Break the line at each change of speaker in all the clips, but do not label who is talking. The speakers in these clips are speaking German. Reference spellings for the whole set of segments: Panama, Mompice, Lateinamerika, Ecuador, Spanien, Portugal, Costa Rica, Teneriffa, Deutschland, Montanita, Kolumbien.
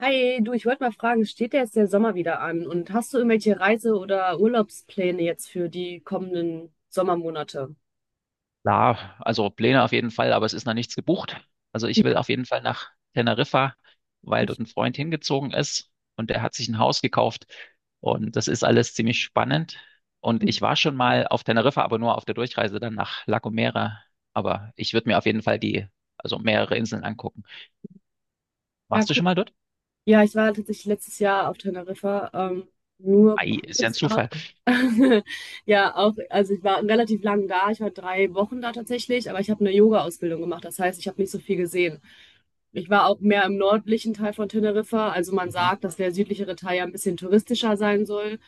Hi, du, ich wollte mal fragen, steht ja jetzt der Sommer wieder an und hast du irgendwelche Reise- oder Urlaubspläne jetzt für die kommenden Sommermonate?
Ja, also Pläne auf jeden Fall, aber es ist noch nichts gebucht. Also ich
Ja,
will auf jeden Fall nach Teneriffa, weil
ich-
dort ein Freund hingezogen ist und der hat sich ein Haus gekauft und das ist alles ziemlich spannend. Und
mhm.
ich war schon mal auf Teneriffa, aber nur auf der Durchreise dann nach La Gomera. Aber ich würde mir auf jeden Fall also mehrere Inseln angucken.
Ja,
Warst du
cool.
schon mal dort?
Ja, ich war tatsächlich letztes Jahr auf Teneriffa, nur
Ei, ist ja ein
kurz.
Zufall.
Ja, auch, also ich war relativ lang da. Ich war drei Wochen da tatsächlich, aber ich habe eine Yoga-Ausbildung gemacht. Das heißt, ich habe nicht so viel gesehen. Ich war auch mehr im nördlichen Teil von Teneriffa. Also man sagt, dass der südlichere Teil ja ein bisschen touristischer sein soll.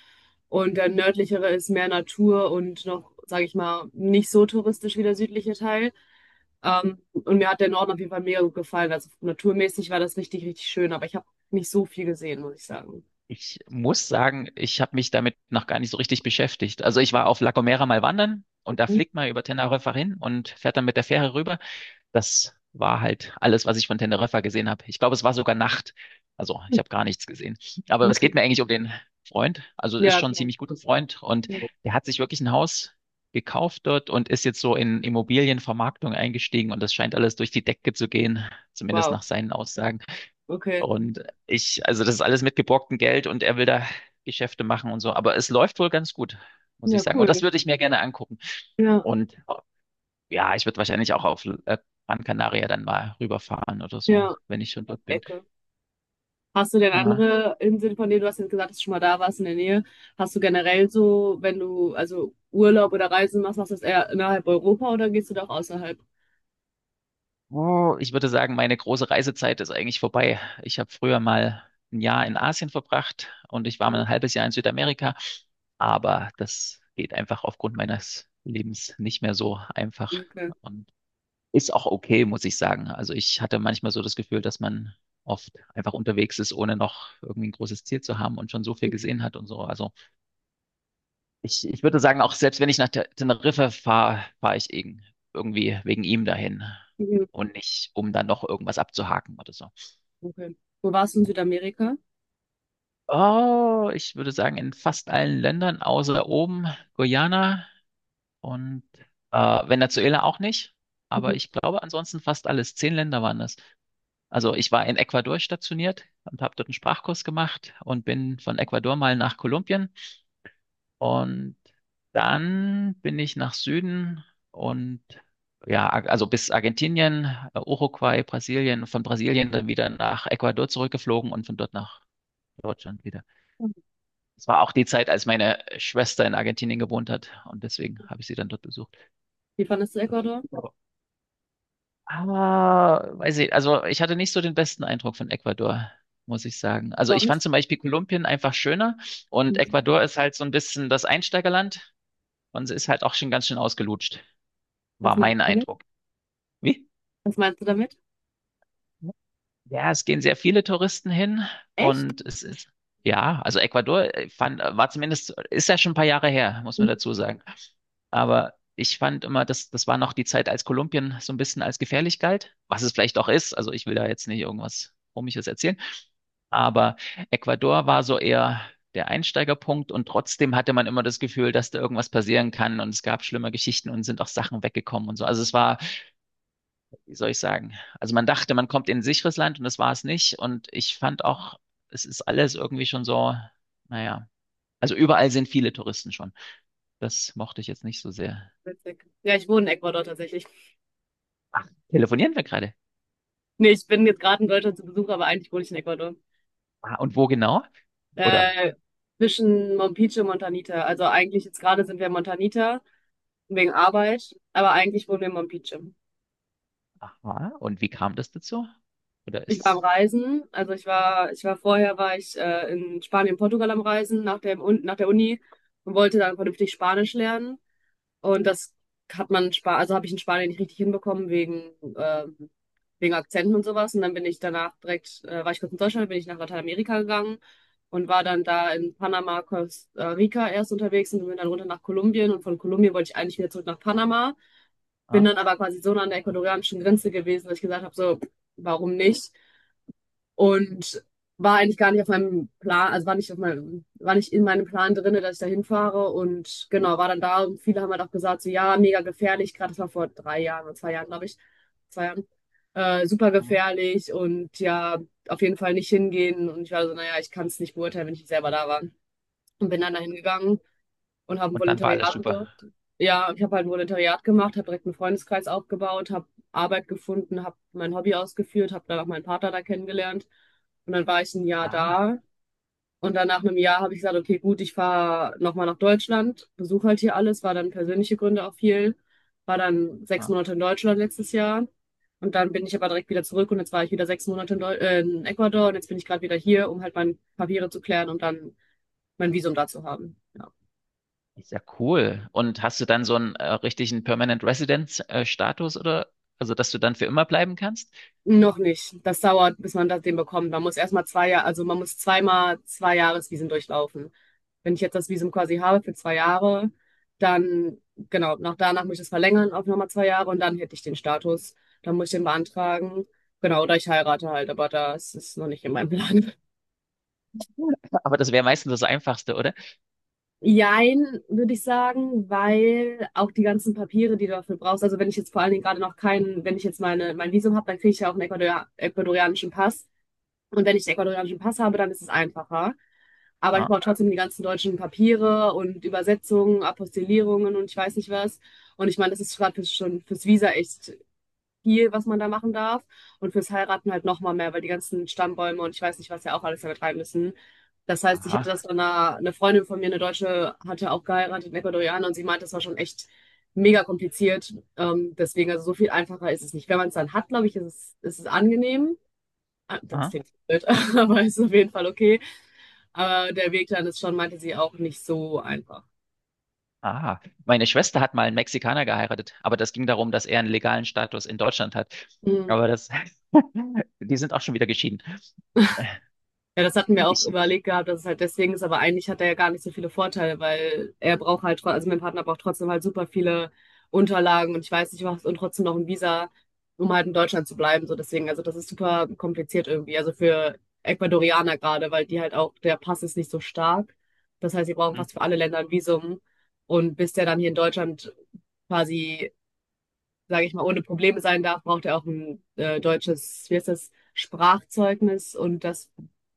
Und der nördlichere ist mehr Natur und noch, sage ich mal, nicht so touristisch wie der südliche Teil. Und mir hat der Norden auf jeden Fall mega gut gefallen. Also naturmäßig war das richtig, richtig schön, aber ich habe nicht so viel gesehen, muss ich sagen.
Ich muss sagen, ich habe mich damit noch gar nicht so richtig beschäftigt. Also ich war auf La Gomera mal wandern und da fliegt man über Teneriffa hin und fährt dann mit der Fähre rüber. Das war halt alles, was ich von Teneriffa gesehen habe. Ich glaube, es war sogar Nacht. Also ich habe gar nichts gesehen.
Mhm.
Aber es
Okay.
geht mir eigentlich um den Freund. Also ist
Ja,
schon ein
klar.
ziemlich guter Freund und
Ja.
der hat sich wirklich ein Haus gekauft dort und ist jetzt so in Immobilienvermarktung eingestiegen und das scheint alles durch die Decke zu gehen, zumindest
Wow.
nach seinen Aussagen.
Okay.
Und ich, also das ist alles mit geborgtem Geld und er will da Geschäfte machen und so. Aber es läuft wohl ganz gut, muss
Ja,
ich sagen. Und das
cool.
würde ich mir gerne angucken.
Ja,
Und ja, ich würde wahrscheinlich auch auf Gran Canaria dann mal rüberfahren oder so,
ja,
wenn ich schon dort bin.
Ecke. Hast du denn
Ja.
andere Inseln, von denen du hast jetzt gesagt, dass du schon mal da warst in der Nähe? Hast du generell so, wenn du also Urlaub oder Reisen machst, machst du das eher innerhalb Europa oder gehst du doch außerhalb?
Oh, ich würde sagen, meine große Reisezeit ist eigentlich vorbei. Ich habe früher mal ein Jahr in Asien verbracht und ich war mal
Mhm.
ein halbes Jahr in Südamerika. Aber das geht einfach aufgrund meines Lebens nicht mehr so einfach.
Okay.
Und ist auch okay, muss ich sagen. Also ich hatte manchmal so das Gefühl, dass man oft einfach unterwegs ist, ohne noch irgendwie ein großes Ziel zu haben und schon so viel gesehen hat und so. Also ich würde sagen, auch selbst wenn ich nach Teneriffa fahre, fahre ich irgendwie wegen ihm dahin
Mhm.
und nicht, um dann noch irgendwas abzuhaken oder so.
Okay. Wo warst du in Südamerika?
Oh, ich würde sagen, in fast allen Ländern, außer oben, Guyana und äh, Venezuela auch nicht. Aber
Mhm.
ich glaube, ansonsten fast alles. Zehn Länder waren das. Also ich war in Ecuador stationiert und habe dort einen Sprachkurs gemacht und bin von Ecuador mal nach Kolumbien und dann bin ich nach Süden und ja, also bis Argentinien, Uruguay, Brasilien, von Brasilien dann wieder nach Ecuador zurückgeflogen und von dort nach Deutschland wieder. Es war auch die Zeit, als meine Schwester in Argentinien gewohnt hat und deswegen habe ich sie dann dort besucht.
Wie fandest du
Das
Ecuador?
Weiß ich, also ich hatte nicht so den besten Eindruck von Ecuador, muss ich sagen. Also ich fand
Sonst?
zum Beispiel Kolumbien einfach schöner und Ecuador ist halt so ein bisschen das Einsteigerland und es ist halt auch schon ganz schön ausgelutscht,
Was
war
meinst
mein
du damit?
Eindruck. Wie?
Was meinst du damit?
Ja, es gehen sehr viele Touristen hin
Echt?
und es ist, ja, also Ecuador war zumindest, ist ja schon ein paar Jahre her, muss man
Mhm.
dazu sagen. Aber ich fand immer, das war noch die Zeit, als Kolumbien so ein bisschen als gefährlich galt, was es vielleicht auch ist. Also ich will da jetzt nicht irgendwas Komisches erzählen. Aber Ecuador war so eher der Einsteigerpunkt und trotzdem hatte man immer das Gefühl, dass da irgendwas passieren kann und es gab schlimme Geschichten und sind auch Sachen weggekommen und so. Also es war, wie soll ich sagen? Also man dachte, man kommt in ein sicheres Land und das war es nicht. Und ich fand auch, es ist alles irgendwie schon so, naja. Also überall sind viele Touristen schon. Das mochte ich jetzt nicht so sehr.
Witzig. Ja, ich wohne in Ecuador tatsächlich.
Ach, telefonieren wir gerade?
Nee, ich bin jetzt gerade in Deutschland zu Besuch, aber eigentlich wohne ich in Ecuador.
Ah, und wo genau? Oder,
Äh, Zwischen Mompice und Montanita. Also eigentlich jetzt gerade sind wir in Montanita wegen Arbeit, aber eigentlich wohnen wir in Mompice.
aha, und wie kam das dazu? Oder
Ich war am
ist,
Reisen, also ich war vorher war ich in Spanien, Portugal am Reisen nach nach der Uni und wollte dann vernünftig Spanisch lernen. Und das hat man in Spanien, also habe ich in Spanien nicht richtig hinbekommen ähm, wegen Akzenten und sowas. Und dann bin ich danach war ich kurz in Deutschland, dann bin ich nach Lateinamerika gegangen und war dann da in Panama, Costa Rica erst unterwegs und bin dann runter nach Kolumbien. Und von Kolumbien wollte ich eigentlich wieder zurück nach Panama, bin
ah,
dann aber quasi so nah an der ecuadorianischen Grenze gewesen, dass ich gesagt habe, so, warum nicht? Und war eigentlich gar nicht auf meinem Plan, also war nicht in meinem Plan drin, dass ich da hinfahre. Und genau, war dann da und viele haben halt auch gesagt, so ja, mega gefährlich, gerade das war vor drei Jahren oder zwei Jahren, glaube ich, zwei Jahren. Super
ah.
gefährlich und ja, auf jeden Fall nicht hingehen. Und ich war so, naja, ich kann es nicht beurteilen, wenn ich nicht selber da war. Und bin dann dahin gegangen und habe ein
Und dann war alles
Volontariat gemacht.
super.
Ja, ich habe halt ein Volontariat gemacht, habe direkt einen Freundeskreis aufgebaut, habe Arbeit gefunden, habe mein Hobby ausgeführt, habe dann auch meinen Partner da kennengelernt. Und dann war ich ein Jahr
Ah,
da. Und dann nach einem Jahr habe ich gesagt, okay, gut, ich fahre nochmal nach Deutschland, besuche halt hier alles, war dann persönliche Gründe auch viel, war dann sechs
ah.
Monate in Deutschland letztes Jahr. Und dann bin ich aber direkt wieder zurück und jetzt war ich wieder sechs Monate in Ecuador und jetzt bin ich gerade wieder hier, um halt meine Papiere zu klären und dann mein Visum da zu haben. Ja.
Ist ja cool. Und hast du dann so einen richtigen Permanent Residence Status oder, also dass du dann für immer bleiben kannst?
Noch nicht. Das dauert, bis man das den bekommt. Man muss erstmal zwei Jahre, also man muss zweimal zwei Jahresvisen durchlaufen. Wenn ich jetzt das Visum quasi habe für zwei Jahre, dann, genau, nach danach muss ich das verlängern auf nochmal zwei Jahre und dann hätte ich den Status. Dann muss ich den beantragen. Genau, oder ich heirate halt, aber das ist noch nicht in meinem Plan.
Cool. Aber das wäre meistens das Einfachste, oder?
Jein, würde ich sagen, weil auch die ganzen Papiere, die du dafür brauchst, also wenn ich jetzt vor allen Dingen gerade noch keinen, wenn ich jetzt mein Visum habe, dann kriege ich ja auch einen ecuadorianischen Pass. Und wenn ich den ecuadorianischen Pass habe, dann ist es einfacher. Aber ich
Ah.
brauche trotzdem die ganzen deutschen Papiere und Übersetzungen, Apostillierungen und ich weiß nicht was. Und ich meine, das ist schon fürs Visa echt viel, was man da machen darf. Und fürs Heiraten halt nochmal mehr, weil die ganzen Stammbäume und ich weiß nicht, was ja auch alles damit rein müssen. Das heißt, ich
Aha,
hatte das dann, eine Freundin von mir, eine Deutsche, hatte auch geheiratet, eine Ecuadorianer, und sie meinte, das war schon echt mega kompliziert. Deswegen, also so viel einfacher ist es nicht. Wenn man es dann hat, glaube ich, ist es angenehm. Ah, das
aha,
klingt blöd, aber ist auf jeden Fall okay. Aber der Weg dann ist schon, meinte sie, auch nicht so einfach.
aha. Meine Schwester hat mal einen Mexikaner geheiratet, aber das ging darum, dass er einen legalen Status in Deutschland hat.
Mhm.
Aber das, die sind auch schon wieder geschieden.
Ja, das hatten wir auch
Ich,
überlegt gehabt, dass es halt deswegen ist, aber eigentlich hat er ja gar nicht so viele Vorteile, weil er braucht also mein Partner braucht trotzdem halt super viele Unterlagen und ich weiß nicht was und trotzdem noch ein Visa, um halt in Deutschland zu bleiben. So deswegen, also das ist super kompliziert irgendwie. Also für Ecuadorianer gerade, weil die halt auch, der Pass ist nicht so stark. Das heißt, sie brauchen
hm.
fast für alle Länder ein Visum. Und bis der dann hier in Deutschland quasi, sage ich mal, ohne Probleme sein darf, braucht er auch ein deutsches, wie heißt das, Sprachzeugnis und das,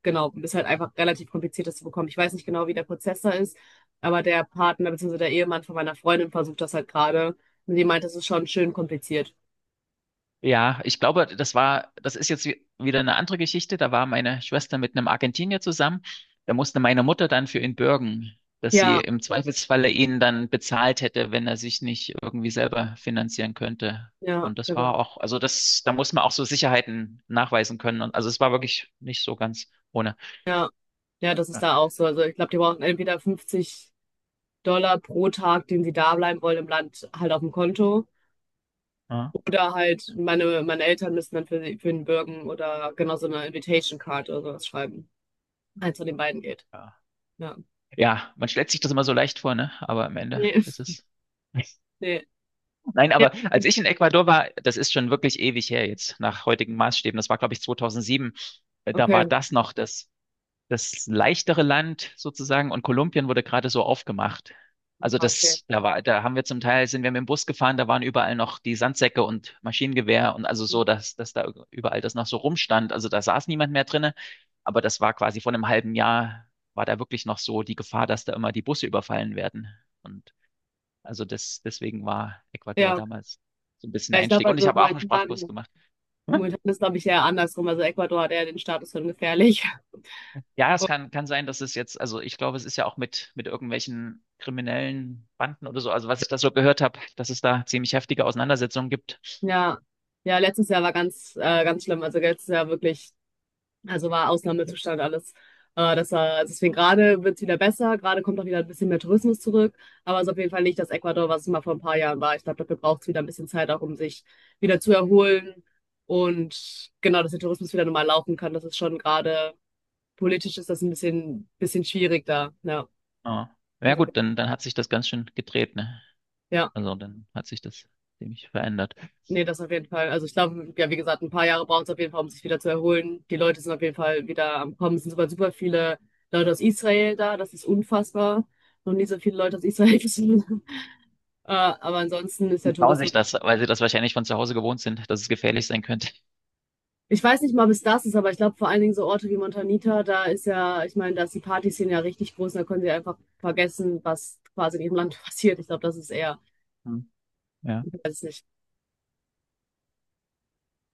genau, ist halt einfach relativ kompliziert, das zu bekommen. Ich weiß nicht genau, wie der Prozess da ist, aber der Partner bzw. der Ehemann von meiner Freundin versucht das halt gerade und die meint, das ist schon schön kompliziert.
Ja, ich glaube, das ist jetzt wieder eine andere Geschichte. Da war meine Schwester mit einem Argentinier zusammen. Da musste meine Mutter dann für ihn bürgen, dass sie
Ja,
im Zweifelsfalle ihn dann bezahlt hätte, wenn er sich nicht irgendwie selber finanzieren könnte.
ja,
Und das war
genau.
auch, also das, da muss man auch so Sicherheiten nachweisen können. Und also es war wirklich nicht so ganz ohne.
Ja, ja, das ist da auch so. Also ich glaube, die brauchen entweder $50 pro Tag, den sie da bleiben wollen im Land, halt auf dem Konto.
Ja,
Oder halt, meine Eltern müssen dann für den bürgen oder genau so eine Invitation Card oder sowas schreiben. Eins von den beiden geht.
ja.
Ja.
Ja, man stellt sich das immer so leicht vor, ne? Aber am Ende
Nee,
ist es.
nee.
Nein,
Ja,
aber als ich in Ecuador war, das ist schon wirklich ewig her jetzt, nach heutigen Maßstäben. Das war, glaube ich, 2007. Da
okay.
war das noch das leichtere Land sozusagen und Kolumbien wurde gerade so aufgemacht. Also
Ah, okay.
das, da war, da haben wir zum Teil, sind wir mit dem Bus gefahren, da waren überall noch die Sandsäcke und Maschinengewehr und also so, dass da überall das noch so rumstand. Also da saß niemand mehr drinne, aber das war quasi vor einem halben Jahr, war da wirklich noch so die Gefahr, dass da immer die Busse überfallen werden. Und also das, deswegen war Ecuador
Ja, okay.
damals so ein bisschen
Ja,
der
ich glaube,
Einstieg. Und ich habe auch einen Sprachkurs gemacht. Hm?
momentan ist, glaube ich, eher andersrum. Also Ecuador hat eher den Status von gefährlich.
Ja, es kann sein, dass es jetzt, also ich glaube, es ist ja auch mit irgendwelchen kriminellen Banden oder so, also was ich da so gehört habe, dass es da ziemlich heftige Auseinandersetzungen gibt.
Ja. Ja, letztes Jahr war ganz schlimm. Also letztes Jahr wirklich, also war Ausnahmezustand alles. Das war, deswegen gerade wird es wieder besser, gerade kommt auch wieder ein bisschen mehr Tourismus zurück, aber es ist auf jeden Fall nicht das Ecuador, was es mal vor ein paar Jahren war. Ich glaube, dafür braucht es wieder ein bisschen Zeit auch, um sich wieder zu erholen und genau, dass der Tourismus wieder normal laufen kann. Das ist schon gerade politisch ist das ein bisschen schwierig da. Ja,
Ja, ja gut, dann hat sich das ganz schön gedreht, ne?
ja.
Also dann hat sich das ziemlich verändert.
Nee, das auf jeden Fall. Also ich glaube, ja, wie gesagt, ein paar Jahre braucht es auf jeden Fall, um sich wieder zu erholen. Die Leute sind auf jeden Fall wieder am Kommen. Es sind sogar super viele Leute aus Israel da. Das ist unfassbar. Noch nie so viele Leute aus Israel gesehen. Aber ansonsten ist der
Die trauen
Tourismus.
sich das, weil sie das wahrscheinlich von zu Hause gewohnt sind, dass es gefährlich sein könnte.
Ich weiß nicht mal, bis das ist, aber ich glaube vor allen Dingen so Orte wie Montanita, da ist ja, ich meine, da ist die Partyszene ja richtig groß und da können sie einfach vergessen, was quasi in ihrem Land passiert. Ich glaube, das ist eher,
Hm. Ja.
ich weiß nicht.